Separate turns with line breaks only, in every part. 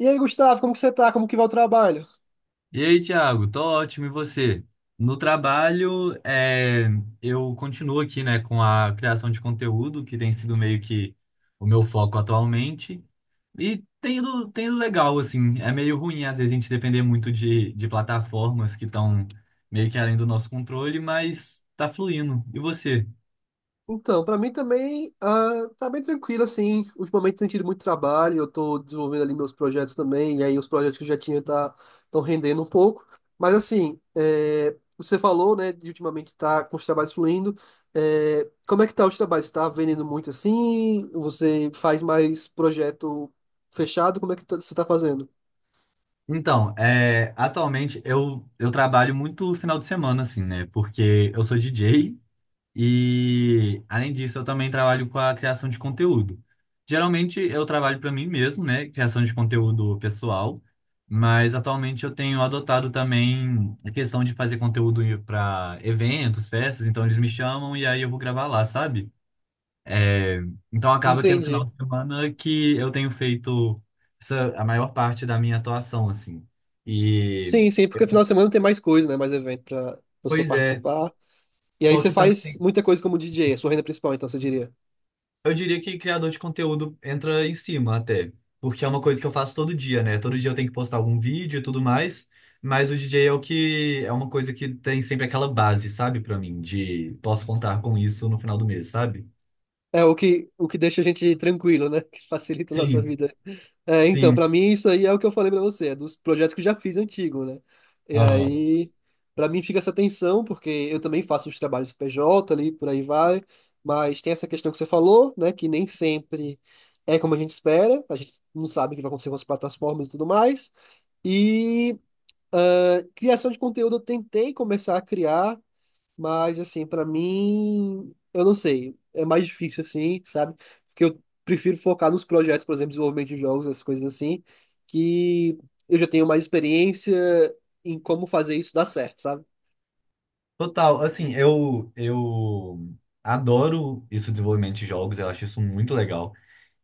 E aí, Gustavo, como que você tá? Como que vai o trabalho?
E aí, Thiago, tô ótimo, e você? No trabalho, eu continuo aqui, né, com a criação de conteúdo, que tem sido meio que o meu foco atualmente, e tem ido legal, assim, é meio ruim às vezes a gente depender muito de plataformas que estão meio que além do nosso controle, mas tá fluindo. E você?
Então, para mim também tá bem tranquilo, assim. Ultimamente tem tido muito trabalho, eu tô desenvolvendo ali meus projetos também, e aí os projetos que eu já tinha tá, estão rendendo um pouco. Mas assim, é, você falou, né, de ultimamente tá com os trabalhos fluindo. É, como é que tá os trabalhos? Tá vendendo muito assim? Você faz mais projeto fechado? Como é que você tá fazendo?
Atualmente eu trabalho muito final de semana, assim, né, porque eu sou DJ, e, além disso, eu também trabalho com a criação de conteúdo. Geralmente, eu trabalho para mim mesmo, né? Criação de conteúdo pessoal. Mas, atualmente, eu tenho adotado também a questão de fazer conteúdo para eventos, festas. Então, eles me chamam e aí eu vou gravar lá, sabe? É, então, acaba que é no final
Entendi.
de semana que eu tenho feito a maior parte da minha atuação, assim. E,
Sim, sim, porque final de semana tem mais coisa, né? Mais evento pra pessoa
pois é.
participar. E aí
Só
você
que também.
faz
Tem
muita coisa como DJ, a sua renda principal, então você diria.
Eu diria que criador de conteúdo entra em cima até, porque é uma coisa que eu faço todo dia, né? Todo dia eu tenho que postar algum vídeo e tudo mais, mas o DJ é o que é uma coisa que tem sempre aquela base, sabe, pra mim, de posso contar com isso no final do mês, sabe?
É o que deixa a gente tranquilo, né? Que facilita a nossa
Sim,
vida. É, então,
sim.
pra mim isso aí é o que eu falei pra você, é dos projetos que eu já fiz antigo, né? E
Aham.
aí, pra mim fica essa tensão, porque eu também faço os trabalhos PJ ali, por aí vai, mas tem essa questão que você falou, né? Que nem sempre é como a gente espera, a gente não sabe o que vai acontecer com as plataformas e tudo mais. E criação de conteúdo eu tentei começar a criar, mas, assim, pra mim, eu não sei. É mais difícil, assim, sabe? Porque eu prefiro focar nos projetos, por exemplo, desenvolvimento de jogos, essas coisas assim, que eu já tenho mais experiência em como fazer isso dar certo, sabe?
Total, assim, eu adoro isso, desenvolvimento de jogos, eu acho isso muito legal.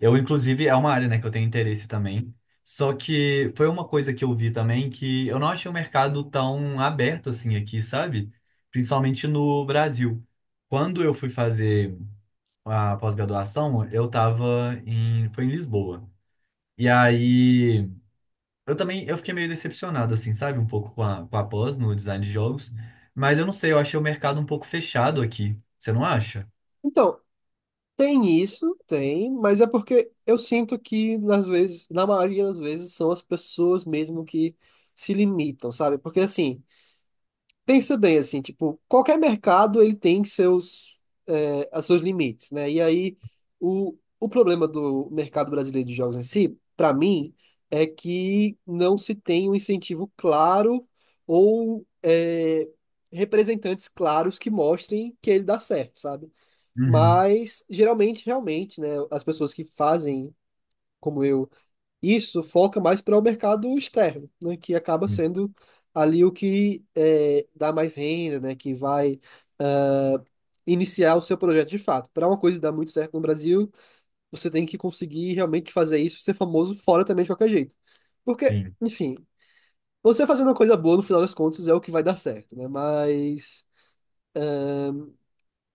Eu, inclusive, é uma área, né, que eu tenho interesse também. Só que foi uma coisa que eu vi também que eu não achei o mercado tão aberto assim aqui, sabe? Principalmente no Brasil. Quando eu fui fazer a pós-graduação, eu tava foi em Lisboa. E aí eu fiquei meio decepcionado, assim, sabe? Um pouco com com a pós no design de jogos. Mas eu não sei, eu achei o mercado um pouco fechado aqui. Você não acha?
Então, tem isso, tem, mas é porque eu sinto que, às vezes, na maioria das vezes, são as pessoas mesmo que se limitam, sabe? Porque, assim, pensa bem assim, tipo, qualquer mercado ele tem seus, é, as seus limites, né? E aí o problema do mercado brasileiro de jogos em si, para mim, é que não se tem um incentivo claro ou é, representantes claros que mostrem que ele dá certo, sabe?
Uhum.
Mas geralmente, realmente, né? As pessoas que fazem como eu isso foca mais para o mercado externo, né, que acaba sendo ali o que é, dá mais renda, né, que vai iniciar o seu projeto de fato. Para uma coisa dar muito certo no Brasil, você tem que conseguir realmente fazer isso, ser famoso fora também de qualquer jeito. Porque,
Sim,
enfim, você fazendo uma coisa boa, no final das contas, é o que vai dar certo, né? Mas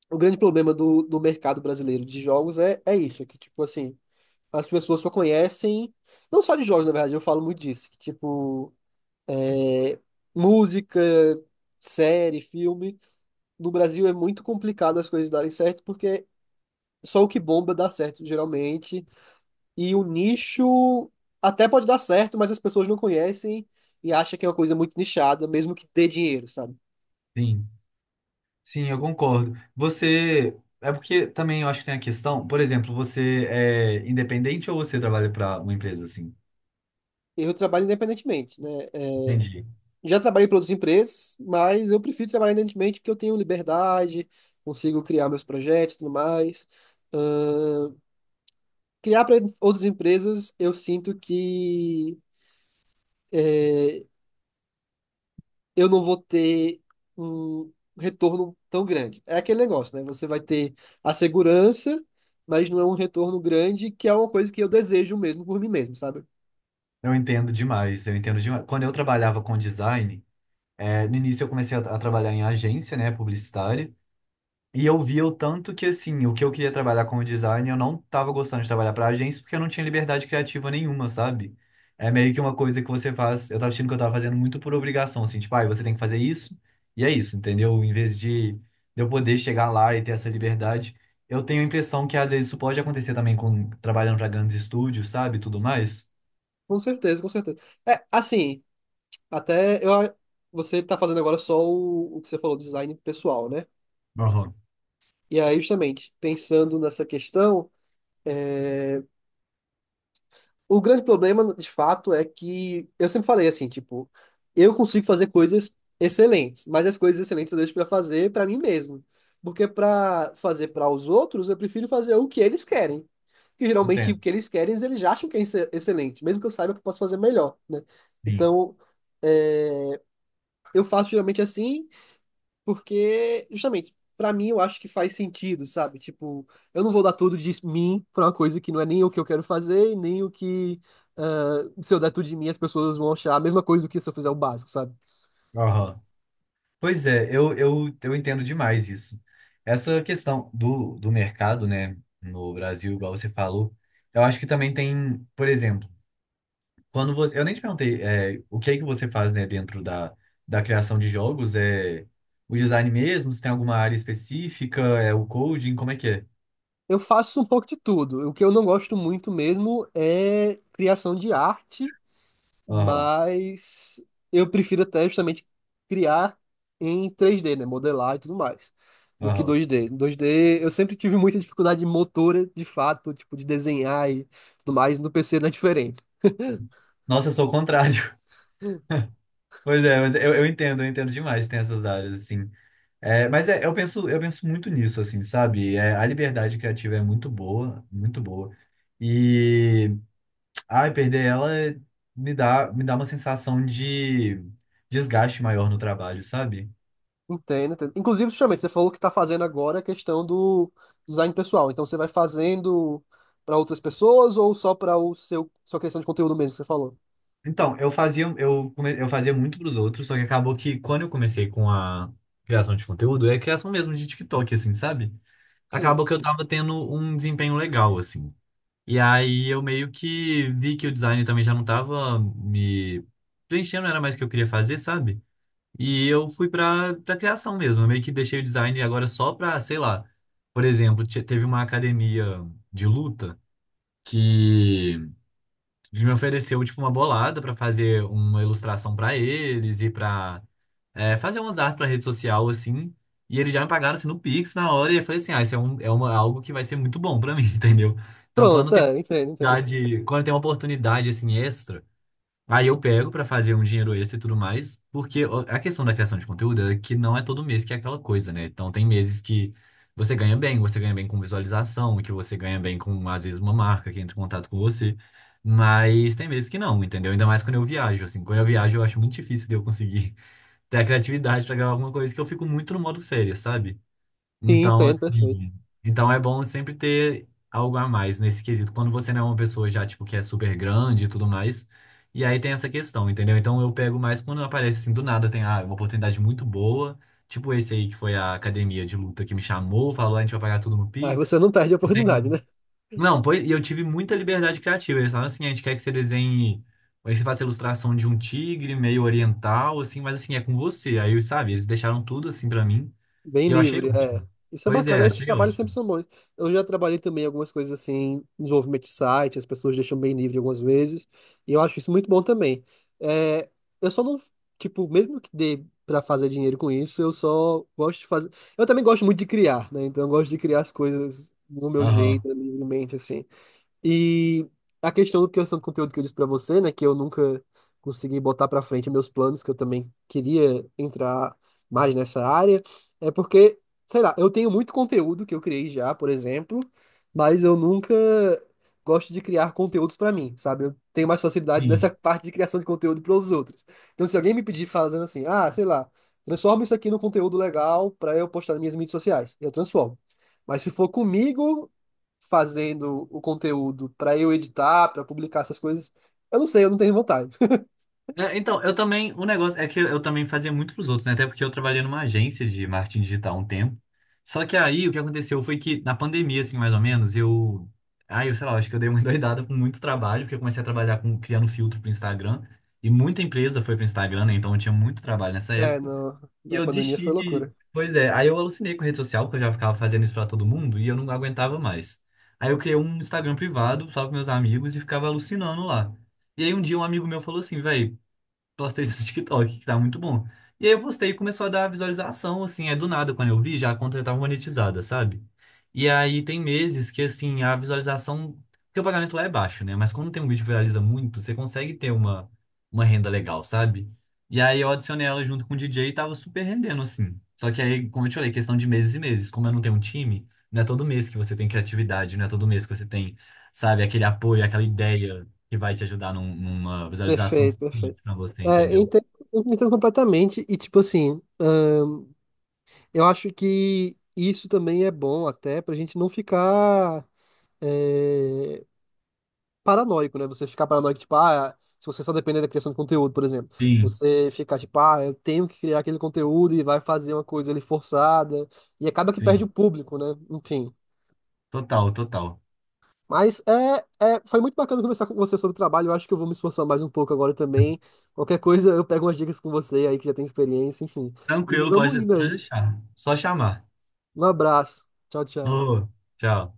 o grande problema do mercado brasileiro de jogos é, é isso, é que, tipo assim, as pessoas só conhecem, não só de jogos, na verdade, eu falo muito disso, que, tipo, é, música, série, filme. No Brasil é muito complicado as coisas darem certo, porque só o que bomba dá certo, geralmente. E o nicho até pode dar certo, mas as pessoas não conhecem e acham que é uma coisa muito nichada, mesmo que dê dinheiro, sabe?
sim. Sim, eu concordo. Você. É porque também eu acho que tem a questão, por exemplo, você é independente ou você trabalha para uma empresa assim?
Eu trabalho independentemente, né? É,
Entendi.
já trabalhei para outras empresas, mas eu prefiro trabalhar independentemente porque eu tenho liberdade, consigo criar meus projetos e tudo mais. Ahn, Criar para outras empresas, eu sinto que eu não vou ter um retorno tão grande. É aquele negócio, né? Você vai ter a segurança, mas não é um retorno grande, que é uma coisa que eu desejo mesmo por mim mesmo, sabe?
Eu entendo demais, eu entendo demais. Quando eu trabalhava com design, no início eu comecei a trabalhar em agência, né, publicitária. E eu via o tanto que, assim, o que eu queria trabalhar como design, eu não tava gostando de trabalhar para agência porque eu não tinha liberdade criativa nenhuma, sabe? É meio que uma coisa que você faz. Eu tava achando que eu tava fazendo muito por obrigação, assim, tipo, ah, você tem que fazer isso, e é isso, entendeu? Em vez de eu poder chegar lá e ter essa liberdade, eu tenho a impressão que às vezes isso pode acontecer também com trabalhando para grandes estúdios, sabe? Tudo mais.
Com certeza, com certeza. É, assim, até eu, você tá fazendo agora só o que você falou, design pessoal, né?
Aham,
E aí, justamente, pensando nessa questão. O grande problema, de fato, é que eu sempre falei assim, tipo, eu consigo fazer coisas excelentes, mas as coisas excelentes eu deixo pra fazer pra mim mesmo. Porque pra fazer pra os outros, eu prefiro fazer o que eles querem. Que geralmente o
entendo.
que eles querem, eles já acham que é excelente, mesmo que eu saiba que eu posso fazer melhor, né?
Sim.
Então, é, eu faço geralmente assim porque, justamente, pra mim eu acho que faz sentido, sabe? Tipo, eu não vou dar tudo de mim pra uma coisa que não é nem o que eu quero fazer, e nem o que. Ah, se eu der tudo de mim, as pessoas vão achar a mesma coisa do que se eu fizer o básico, sabe?
Aham. Pois é, eu entendo demais isso. Essa questão do mercado, né, no Brasil, igual você falou, eu acho que também tem, por exemplo, quando você. Eu nem te perguntei, é, o que é que você faz, né, da criação de jogos? É o design mesmo? Se tem alguma área específica? É o coding? Como é que é?
Eu faço um pouco de tudo. O que eu não gosto muito mesmo é criação de arte.
Aham,
Mas eu prefiro até justamente criar em 3D, né? Modelar e tudo mais, do que
aham.
2D. 2D, eu sempre tive muita dificuldade motora, de fato, tipo, de desenhar e tudo mais. No PC não é diferente.
Nossa, eu sou o contrário. Pois é, mas eu entendo demais, tem essas áreas, assim. É, mas é, eu penso muito nisso, assim, sabe? É, a liberdade criativa é muito boa, muito boa. E, ai, perder ela me dá uma sensação de desgaste maior no trabalho, sabe?
Entendo, entendo. Inclusive, justamente, você falou que está fazendo agora a questão do design pessoal. Então, você vai fazendo para outras pessoas ou só para o seu sua questão de conteúdo mesmo que você falou?
Então, eu fazia muito pros outros, só que acabou que quando eu comecei com a criação de conteúdo, é criação mesmo de TikTok, assim, sabe?
Sim.
Acabou que eu tava tendo um desempenho legal, assim. E aí eu meio que vi que o design também já não tava me preenchendo, não era mais o que eu queria fazer, sabe? E eu fui pra criação mesmo. Eu meio que deixei o design agora só pra, sei lá, por exemplo, teve uma academia de luta que me ofereceu tipo uma bolada pra fazer uma ilustração pra eles e pra fazer umas artes pra rede social assim. E eles já me pagaram assim, no Pix na hora, e eu falei assim, ah, algo que vai ser muito bom pra mim, entendeu? Então, quando
Pronto,
tem
é, entendo, entendo.
Quando tem uma oportunidade assim extra, aí eu pego pra fazer um dinheiro extra e tudo mais, porque a questão da criação de conteúdo é que não é todo mês que é aquela coisa, né? Então tem meses que você ganha bem com visualização, que você ganha bem com às vezes uma marca que entra em contato com você, mas tem meses que não, entendeu? Ainda mais quando eu viajo, assim, quando eu viajo eu acho muito difícil de eu conseguir ter a criatividade pra gravar alguma coisa que eu fico muito no modo férias, sabe?
Sim,
Então,
entendo, perfeito.
assim, então é bom sempre ter algo a mais nesse quesito. Quando você não é uma pessoa já, tipo, que é super grande e tudo mais. E aí tem essa questão, entendeu? Então eu pego mais quando aparece assim, do nada, tem ah, uma oportunidade muito boa. Tipo esse aí que foi a academia de luta que me chamou, falou, a gente vai pagar tudo no
Aí você
Pix.
não perde a oportunidade, né?
Não, pois, e eu tive muita liberdade criativa. Eles falaram assim, a gente quer que você desenhe, aí você faça a ilustração de um tigre meio oriental, assim, mas assim, é com você. Aí, sabe, eles deixaram tudo assim pra mim.
Bem
E eu achei
livre,
ótimo.
é. Isso é
Pois é,
bacana, esses
achei
trabalhos sempre
ótimo.
são bons. Eu já trabalhei também algumas coisas assim, desenvolvimento de site, as pessoas deixam bem livre algumas vezes, e eu acho isso muito bom também. É, eu só não, tipo, mesmo que dê pra fazer dinheiro com isso, eu só gosto de fazer. Eu também gosto muito de criar, né? Então eu gosto de criar as coisas do meu jeito,
Aham.
livremente, assim. E a questão do criação de conteúdo que eu disse pra você, né, que eu nunca consegui botar pra frente meus planos, que eu também queria entrar mais nessa área, é porque, sei lá, eu tenho muito conteúdo que eu criei já, por exemplo, mas eu nunca gosto de criar conteúdos pra mim, sabe? Eu tenho mais facilidade nessa
Sim.
parte de criação de conteúdo para os outros. Então, se alguém me pedir fazendo assim, ah, sei lá, transforma isso aqui num conteúdo legal pra eu postar nas minhas mídias sociais, eu transformo. Mas se for comigo, fazendo o conteúdo pra eu editar, pra publicar essas coisas. Eu não sei, eu não tenho vontade.
É, então, eu também, o negócio é que eu também fazia muito pros outros, né? Até porque eu trabalhei numa agência de marketing digital há um tempo. Só que aí o que aconteceu foi que na pandemia, assim, mais ou menos, eu. Aí, eu sei lá, acho que eu dei uma endoidada com muito trabalho, porque eu comecei a trabalhar com criando filtro pro Instagram. E muita empresa foi pro Instagram, né? Então eu tinha muito trabalho nessa
É,
época.
no,
E
na
eu
pandemia
desisti
foi
de.
loucura.
Pois é, aí eu alucinei com a rede social, porque eu já ficava fazendo isso pra todo mundo e eu não aguentava mais. Aí eu criei um Instagram privado só para meus amigos e ficava alucinando lá. E aí um dia um amigo meu falou assim, velho, postei isso no TikTok, que tá muito bom. E aí eu postei e começou a dar visualização, assim, é do nada, quando eu vi, já a conta já tava monetizada, sabe? E aí tem meses que, assim, a visualização, porque o pagamento lá é baixo, né? Mas quando tem um vídeo que viraliza muito, você consegue ter uma renda legal, sabe? E aí eu adicionei ela junto com o DJ e tava super rendendo, assim. Só que aí, como eu te falei, questão de meses e meses. Como eu não tenho um time, não é todo mês que você tem criatividade, não é todo mês que você tem, sabe, aquele apoio, aquela ideia que vai te ajudar numa visualização
Perfeito, perfeito.
suficiente para você,
É,
entendeu?
eu entendo completamente e, tipo assim, eu acho que isso também é bom até pra gente não ficar é, paranoico, né? Você ficar paranoico, tipo, ah, se você só depender da criação de conteúdo, por exemplo.
Sim,
Você ficar, tipo, ah, eu tenho que criar aquele conteúdo e vai fazer uma coisa ali forçada. E acaba que perde
sim.
o público, né? Enfim.
Total, total.
Mas é, é, foi muito bacana conversar com você sobre o trabalho. Eu acho que eu vou me esforçar mais um pouco agora também. Qualquer coisa, eu pego umas dicas com você aí que já tem experiência, enfim. E
Tranquilo,
vamos
pode,
indo
pode
aí.
deixar. Só chamar.
Um abraço. Tchau, tchau.
Ô, tchau.